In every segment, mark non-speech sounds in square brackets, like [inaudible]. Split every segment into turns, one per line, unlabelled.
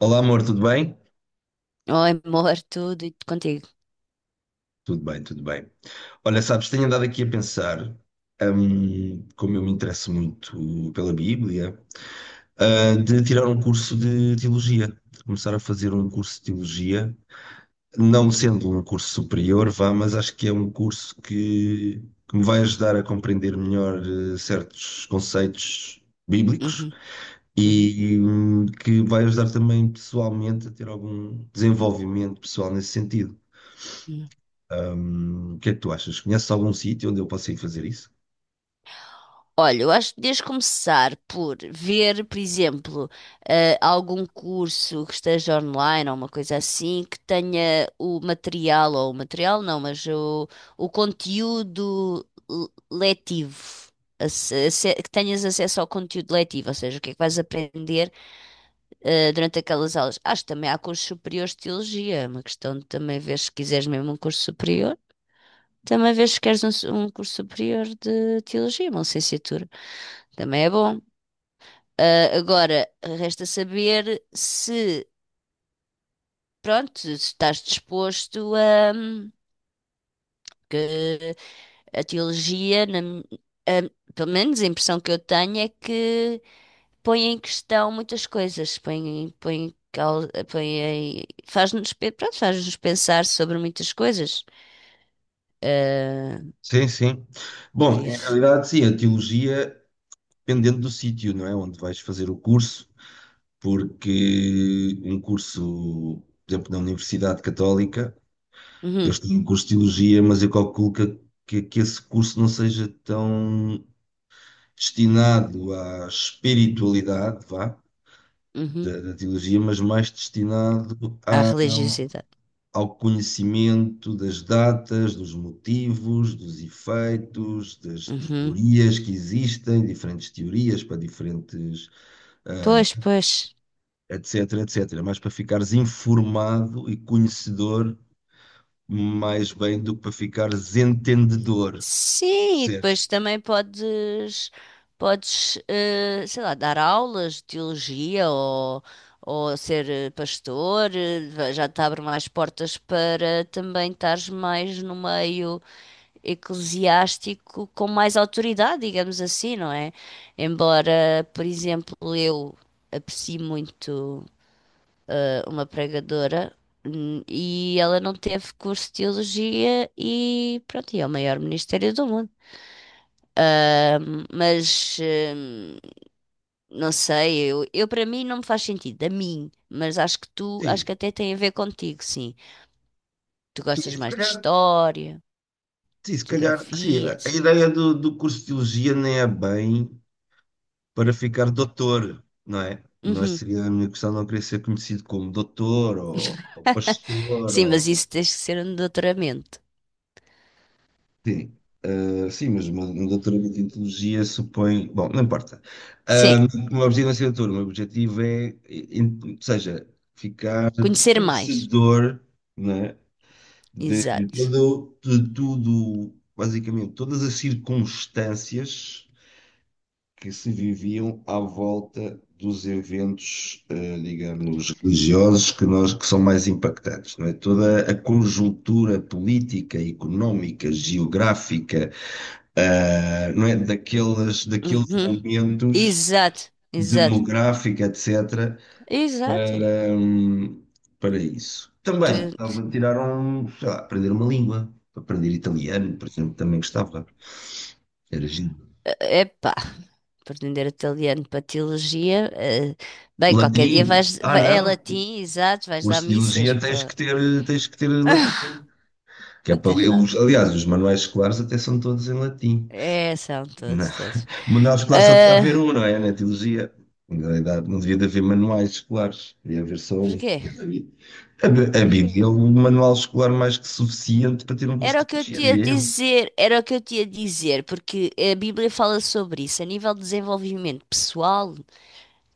Olá, amor, tudo bem?
Oh, amor, tudo e contigo.
Tudo bem, tudo bem. Olha, sabes, tenho andado aqui a pensar, como eu me interesso muito pela Bíblia, de tirar um curso de teologia, de começar a fazer um curso de teologia, não sendo um curso superior, vá, mas acho que é um curso que, me vai ajudar a compreender melhor, certos conceitos bíblicos
Uhum, uhum,
e, que vai ajudar também pessoalmente a ter algum desenvolvimento pessoal nesse sentido.
uhum.
O que é que tu achas? Conheces algum sítio onde eu possa ir fazer isso?
Olha, eu acho que deves começar por ver, por exemplo, algum curso que esteja online ou uma coisa assim que tenha o material, ou o material não, mas o conteúdo letivo. Que tenhas acesso ao conteúdo letivo, ou seja, o que é que vais aprender durante aquelas aulas. Acho que também há cursos superiores de teologia, é uma questão de também ver se quiseres mesmo um curso superior. Também vês se queres um curso superior de teologia, uma licenciatura. Também é bom. Ah, agora, resta saber se, pronto, se estás disposto a que a teologia, a- pelo menos a impressão que eu tenho é que põe em questão muitas coisas, põe faz-nos, pronto, faz-nos pensar sobre muitas coisas. Ah,
Sim, sim.
por
Bom, em
isso.
realidade, sim, a teologia, dependendo do sítio, não é? Onde vais fazer o curso, porque um curso, por exemplo, na Universidade Católica, eu
Uhum,
estou em curso de teologia, mas eu calculo que, esse curso não seja tão destinado à espiritualidade, vá,
uhum.
da teologia, mas mais destinado
Há
à,
religiosidade.
ao conhecimento das datas, dos motivos, dos efeitos, das
Uhum.
teorias que existem, diferentes teorias para diferentes, ah,
Pois, pois.
etc, etc. Mas para ficares informado e conhecedor mais bem do que para ficares entendedor,
Sim, e
percebes?
depois também podes, sei lá, dar aulas de teologia ou ser pastor, já te abre mais portas para também estares mais no meio eclesiástico com mais autoridade, digamos assim, não é? Embora, por exemplo, eu aprecie muito uma pregadora, e ela não teve curso de teologia e pronto, e é o maior ministério do mundo. Mas não sei, eu para mim não me faz sentido, a mim, mas acho que tu, acho que
Sim,
até tem a ver contigo, sim. Tu
sim,
gostas
se
mais de
calhar,
história,
sim, se
de
calhar, assim,
geografia,
a
etc.
ideia do, do curso de teologia nem é bem para ficar doutor, não é?
Uhum.
Seria a minha questão não querer ser conhecido como doutor ou pastor
Sim, mas
ou...
isso tens que ser um doutoramento.
Sim, sim, mas um doutoramento em teologia supõe... Bom, não importa.
Sim,
Ah, o meu objetivo não é ser doutor, o meu objetivo é, ou seja, ficar
conhecer mais.
conhecedor, não é? De,
Exato.
todo, de tudo, basicamente, todas as circunstâncias que se viviam à volta dos eventos, digamos, religiosos que nós que são mais impactantes, não é? Toda a conjuntura política, económica, geográfica, não é? Daqueles
Uhum.
momentos
Exato, exato,
demográfica, etc.,
exato.
para, para isso.
Tu...
Também estava a tirar um, sei lá, aprender uma língua, aprender italiano, por exemplo, também gostava, era giro.
Epá. Aprender italiano para teologia. Bem, qualquer dia
Latim, ah
É
não,
latim, exato, vais dar
curso de
missas
biologia
para.
tens que ter
[laughs]
latim. Que é
Não
para,
tens nada.
aliás, os manuais escolares até são todos em latim.
É, são
Na-
todos, todos.
O manual escolar só devia haver
Ah,
um, não é? Na teologia. Na realidade, não devia de haver manuais escolares, devia haver só um.
porquê?
Que é da Bíblia. A
Porquê?
Bíblia é o manual escolar mais que suficiente para ter um curso
Era
de
o que eu
teologia,
te ia
diria eu.
dizer, era o que eu te ia dizer, porque a Bíblia fala sobre isso, a nível de desenvolvimento pessoal,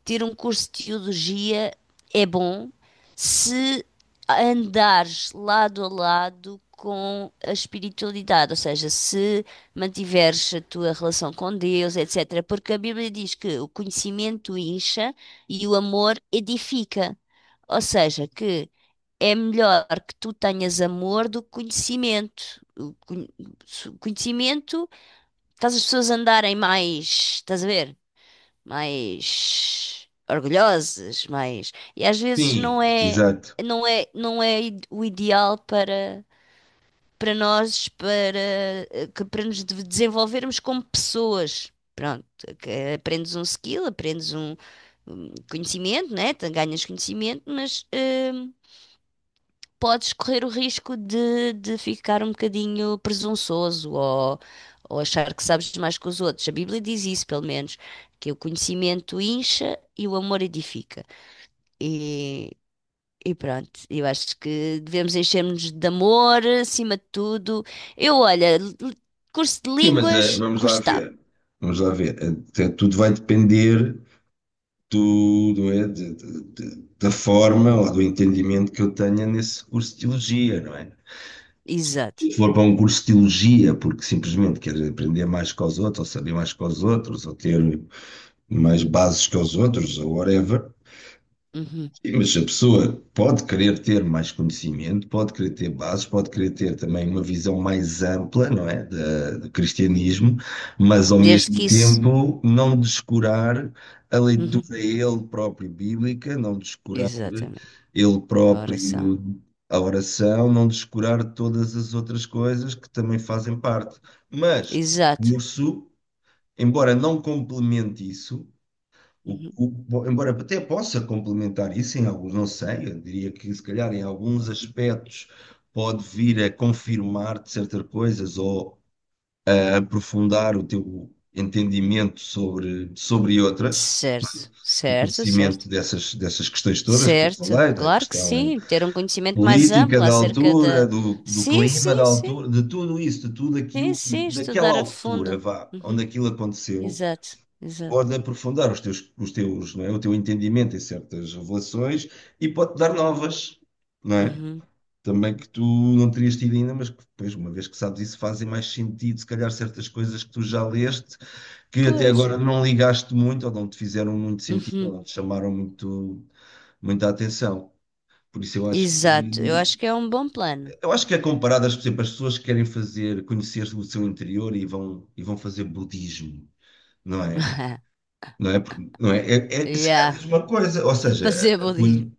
ter um curso de teologia é bom se andares lado a lado com a espiritualidade, ou seja, se mantiveres a tua relação com Deus, etc. Porque a Bíblia diz que o conhecimento incha e o amor edifica. Ou seja, que é melhor que tu tenhas amor do que conhecimento. O con- o conhecimento faz as pessoas andarem mais, estás a ver? Mais orgulhosos mais e às vezes
Sim, exato.
não é o ideal para para nós para eh, que para nos desenvolvermos como pessoas. Pronto, que aprendes um skill, um conhecimento, né? Ganhas conhecimento, mas hum, podes correr o risco de ficar um bocadinho presunçoso ou achar que sabes mais que os outros. A Bíblia diz isso, pelo menos, que o conhecimento incha e o amor edifica. E, e pronto, eu acho que devemos encher-nos de amor acima de tudo. Eu, olha, l- Curso de
Sim, mas
línguas,
vamos lá
gostava.
ver. Vamos lá ver. Tudo vai depender. Tudo é da forma ou do entendimento que eu tenha nesse curso de teologia, não é?
Exato.
Se for para um curso de teologia, porque simplesmente quer aprender mais que os outros, ou saber mais que os outros, ou ter mais bases que os outros, ou whatever,
Uhum,
e, mas a pessoa pode querer ter mais conhecimento, pode querer ter bases, pode querer ter também uma visão mais ampla, não é, do
uhum.
cristianismo, mas ao
Desde
mesmo
que isso.
tempo não descurar a
Uhum.
leitura ele próprio bíblica, não descurar
Exatamente.
ele
A oração.
próprio a oração, não descurar todas as outras coisas que também fazem parte. Mas o
Exato.
curso, embora não complemente isso,
Uhum.
embora até possa complementar isso em alguns, não sei, eu diria que se calhar em alguns aspectos pode vir a confirmar-te certas coisas ou a aprofundar o teu entendimento sobre, sobre outras,
Certo,
o
certo, certo.
conhecimento dessas, dessas questões todas que eu
Certo,
falei, da
claro que
questão
sim, ter um conhecimento mais
política
amplo
da
acerca
altura,
da.
do, do
Sim,
clima da
sim, sim,
altura, de tudo isso, de tudo
sim,
aquilo,
sim,
daquela
estudar a
altura,
fundo.
vá,
Uhum,
onde aquilo aconteceu
exato, exato.
pode aprofundar os teus, não é? O teu entendimento em certas revelações e pode-te dar novas, não é?
Uhum,
Também
uhum.
que tu não terias tido ainda, mas que depois, uma vez que sabes isso, fazem mais sentido, se calhar, certas coisas que tu já leste, que até
Pois,
agora não ligaste muito, ou não te fizeram muito sentido, ou
uhum,
não te chamaram muito, muita atenção. Por isso
exato, eu acho que é um bom plano.
eu acho que é comparado, por exemplo, as pessoas que querem fazer, conhecer o seu interior e vão fazer budismo, não é?
[laughs]
Não é? Porque, não é? É, é, será a
Yeah.
mesma coisa, ou seja,
Fazer budismo.
quando-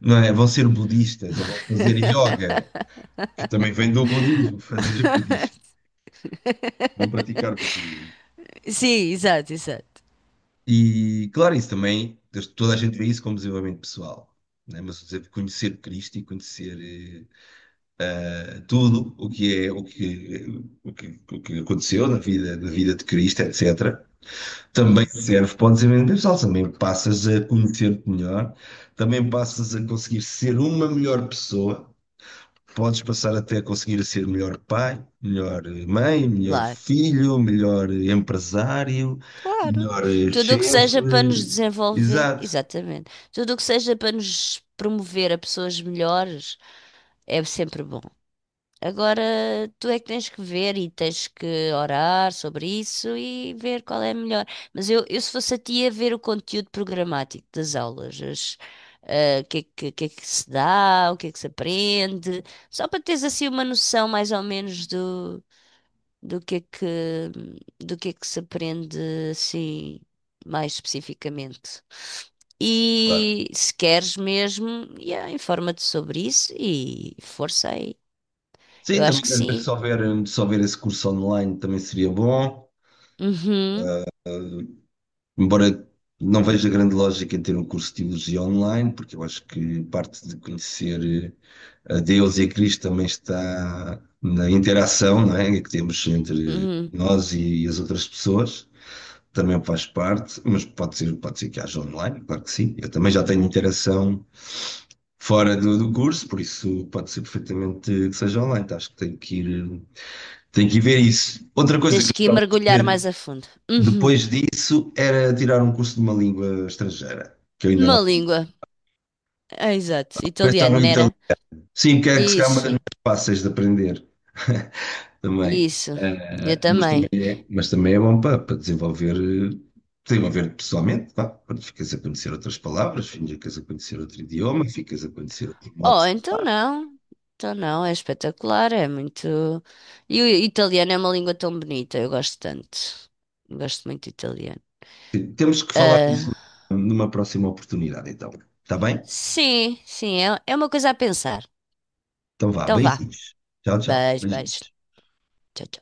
não é? Vão ser budistas ou vão fazer yoga, que também vem do budismo, [laughs] fazer budismo, vão praticar budismo.
Sim, exato, exato.
E claro, isso também, toda a gente vê isso como desenvolvimento pessoal, né? Mas por exemplo, conhecer Cristo e conhecer tudo o que é o que, o que, o que aconteceu na vida de Cristo, etc. Também
Uhum,
serve, podes empreender pessoal, também passas a conhecer-te melhor, também passas a conseguir ser uma melhor pessoa, podes passar até a conseguir ser melhor pai, melhor mãe, melhor
claro,
filho, melhor empresário,
claro.
melhor
Tudo o que seja para nos
chefe,
desenvolver,
exato,
exatamente. Tudo o que seja para nos promover a pessoas melhores é sempre bom. Agora tu é que tens que ver e tens que orar sobre isso e ver qual é a melhor. Mas eu se fosse a ti, ia ver o conteúdo programático das ah, o que é que, o que é que se dá, o que é que se aprende, só para teres assim uma noção mais ou menos do que é que, do que é que se aprende assim mais especificamente.
claro.
E se queres mesmo, yeah, informa-te sobre isso e força aí. Eu
Sim,
acho
também
que
às vezes
sim.
se houver, se houver esse curso online também seria bom.
Uhum,
Embora não veja grande lógica em ter um curso de teologia online, porque eu acho que parte de conhecer a Deus e a Cristo também está na interação, não é? Que temos entre
uhum.
nós e as outras pessoas. Também faz parte, mas pode ser que haja online, claro que sim. Eu também já tenho interação fora do, do curso, por isso pode ser perfeitamente que seja online. Então, acho que tenho que ir ver isso. Outra coisa
Tens
que eu
que ir
gostava
mergulhar mais a fundo. Uhum.
depois disso, era tirar um curso de uma língua estrangeira, que eu ainda não
Uma
sabia.
língua. Ah, exato.
Pensar
Italiano,
no italiano.
nera.
Sim, que é que se calhar é uma das
Isso,
mais fáceis de aprender [laughs] também.
isso. Eu também.
Mas também é bom para, para desenvolver, desenvolver pessoalmente, pá. Quando ficas a conhecer outras palavras, ficas a conhecer outro idioma, ficas a conhecer outro modo
Oh,
de
então
falar.
não. Então não, é espetacular, é muito. E o italiano é uma língua tão bonita, eu gosto tanto. Eu gosto muito de italiano.
Sim, temos que falar disso
Ah,
numa próxima oportunidade, então. Está bem?
sim, sim, é, é uma coisa a pensar.
Então vá,
Então vá.
beijinhos. Tchau, tchau.
Beijo,
Beijinhos.
beijo. Tchau, tchau.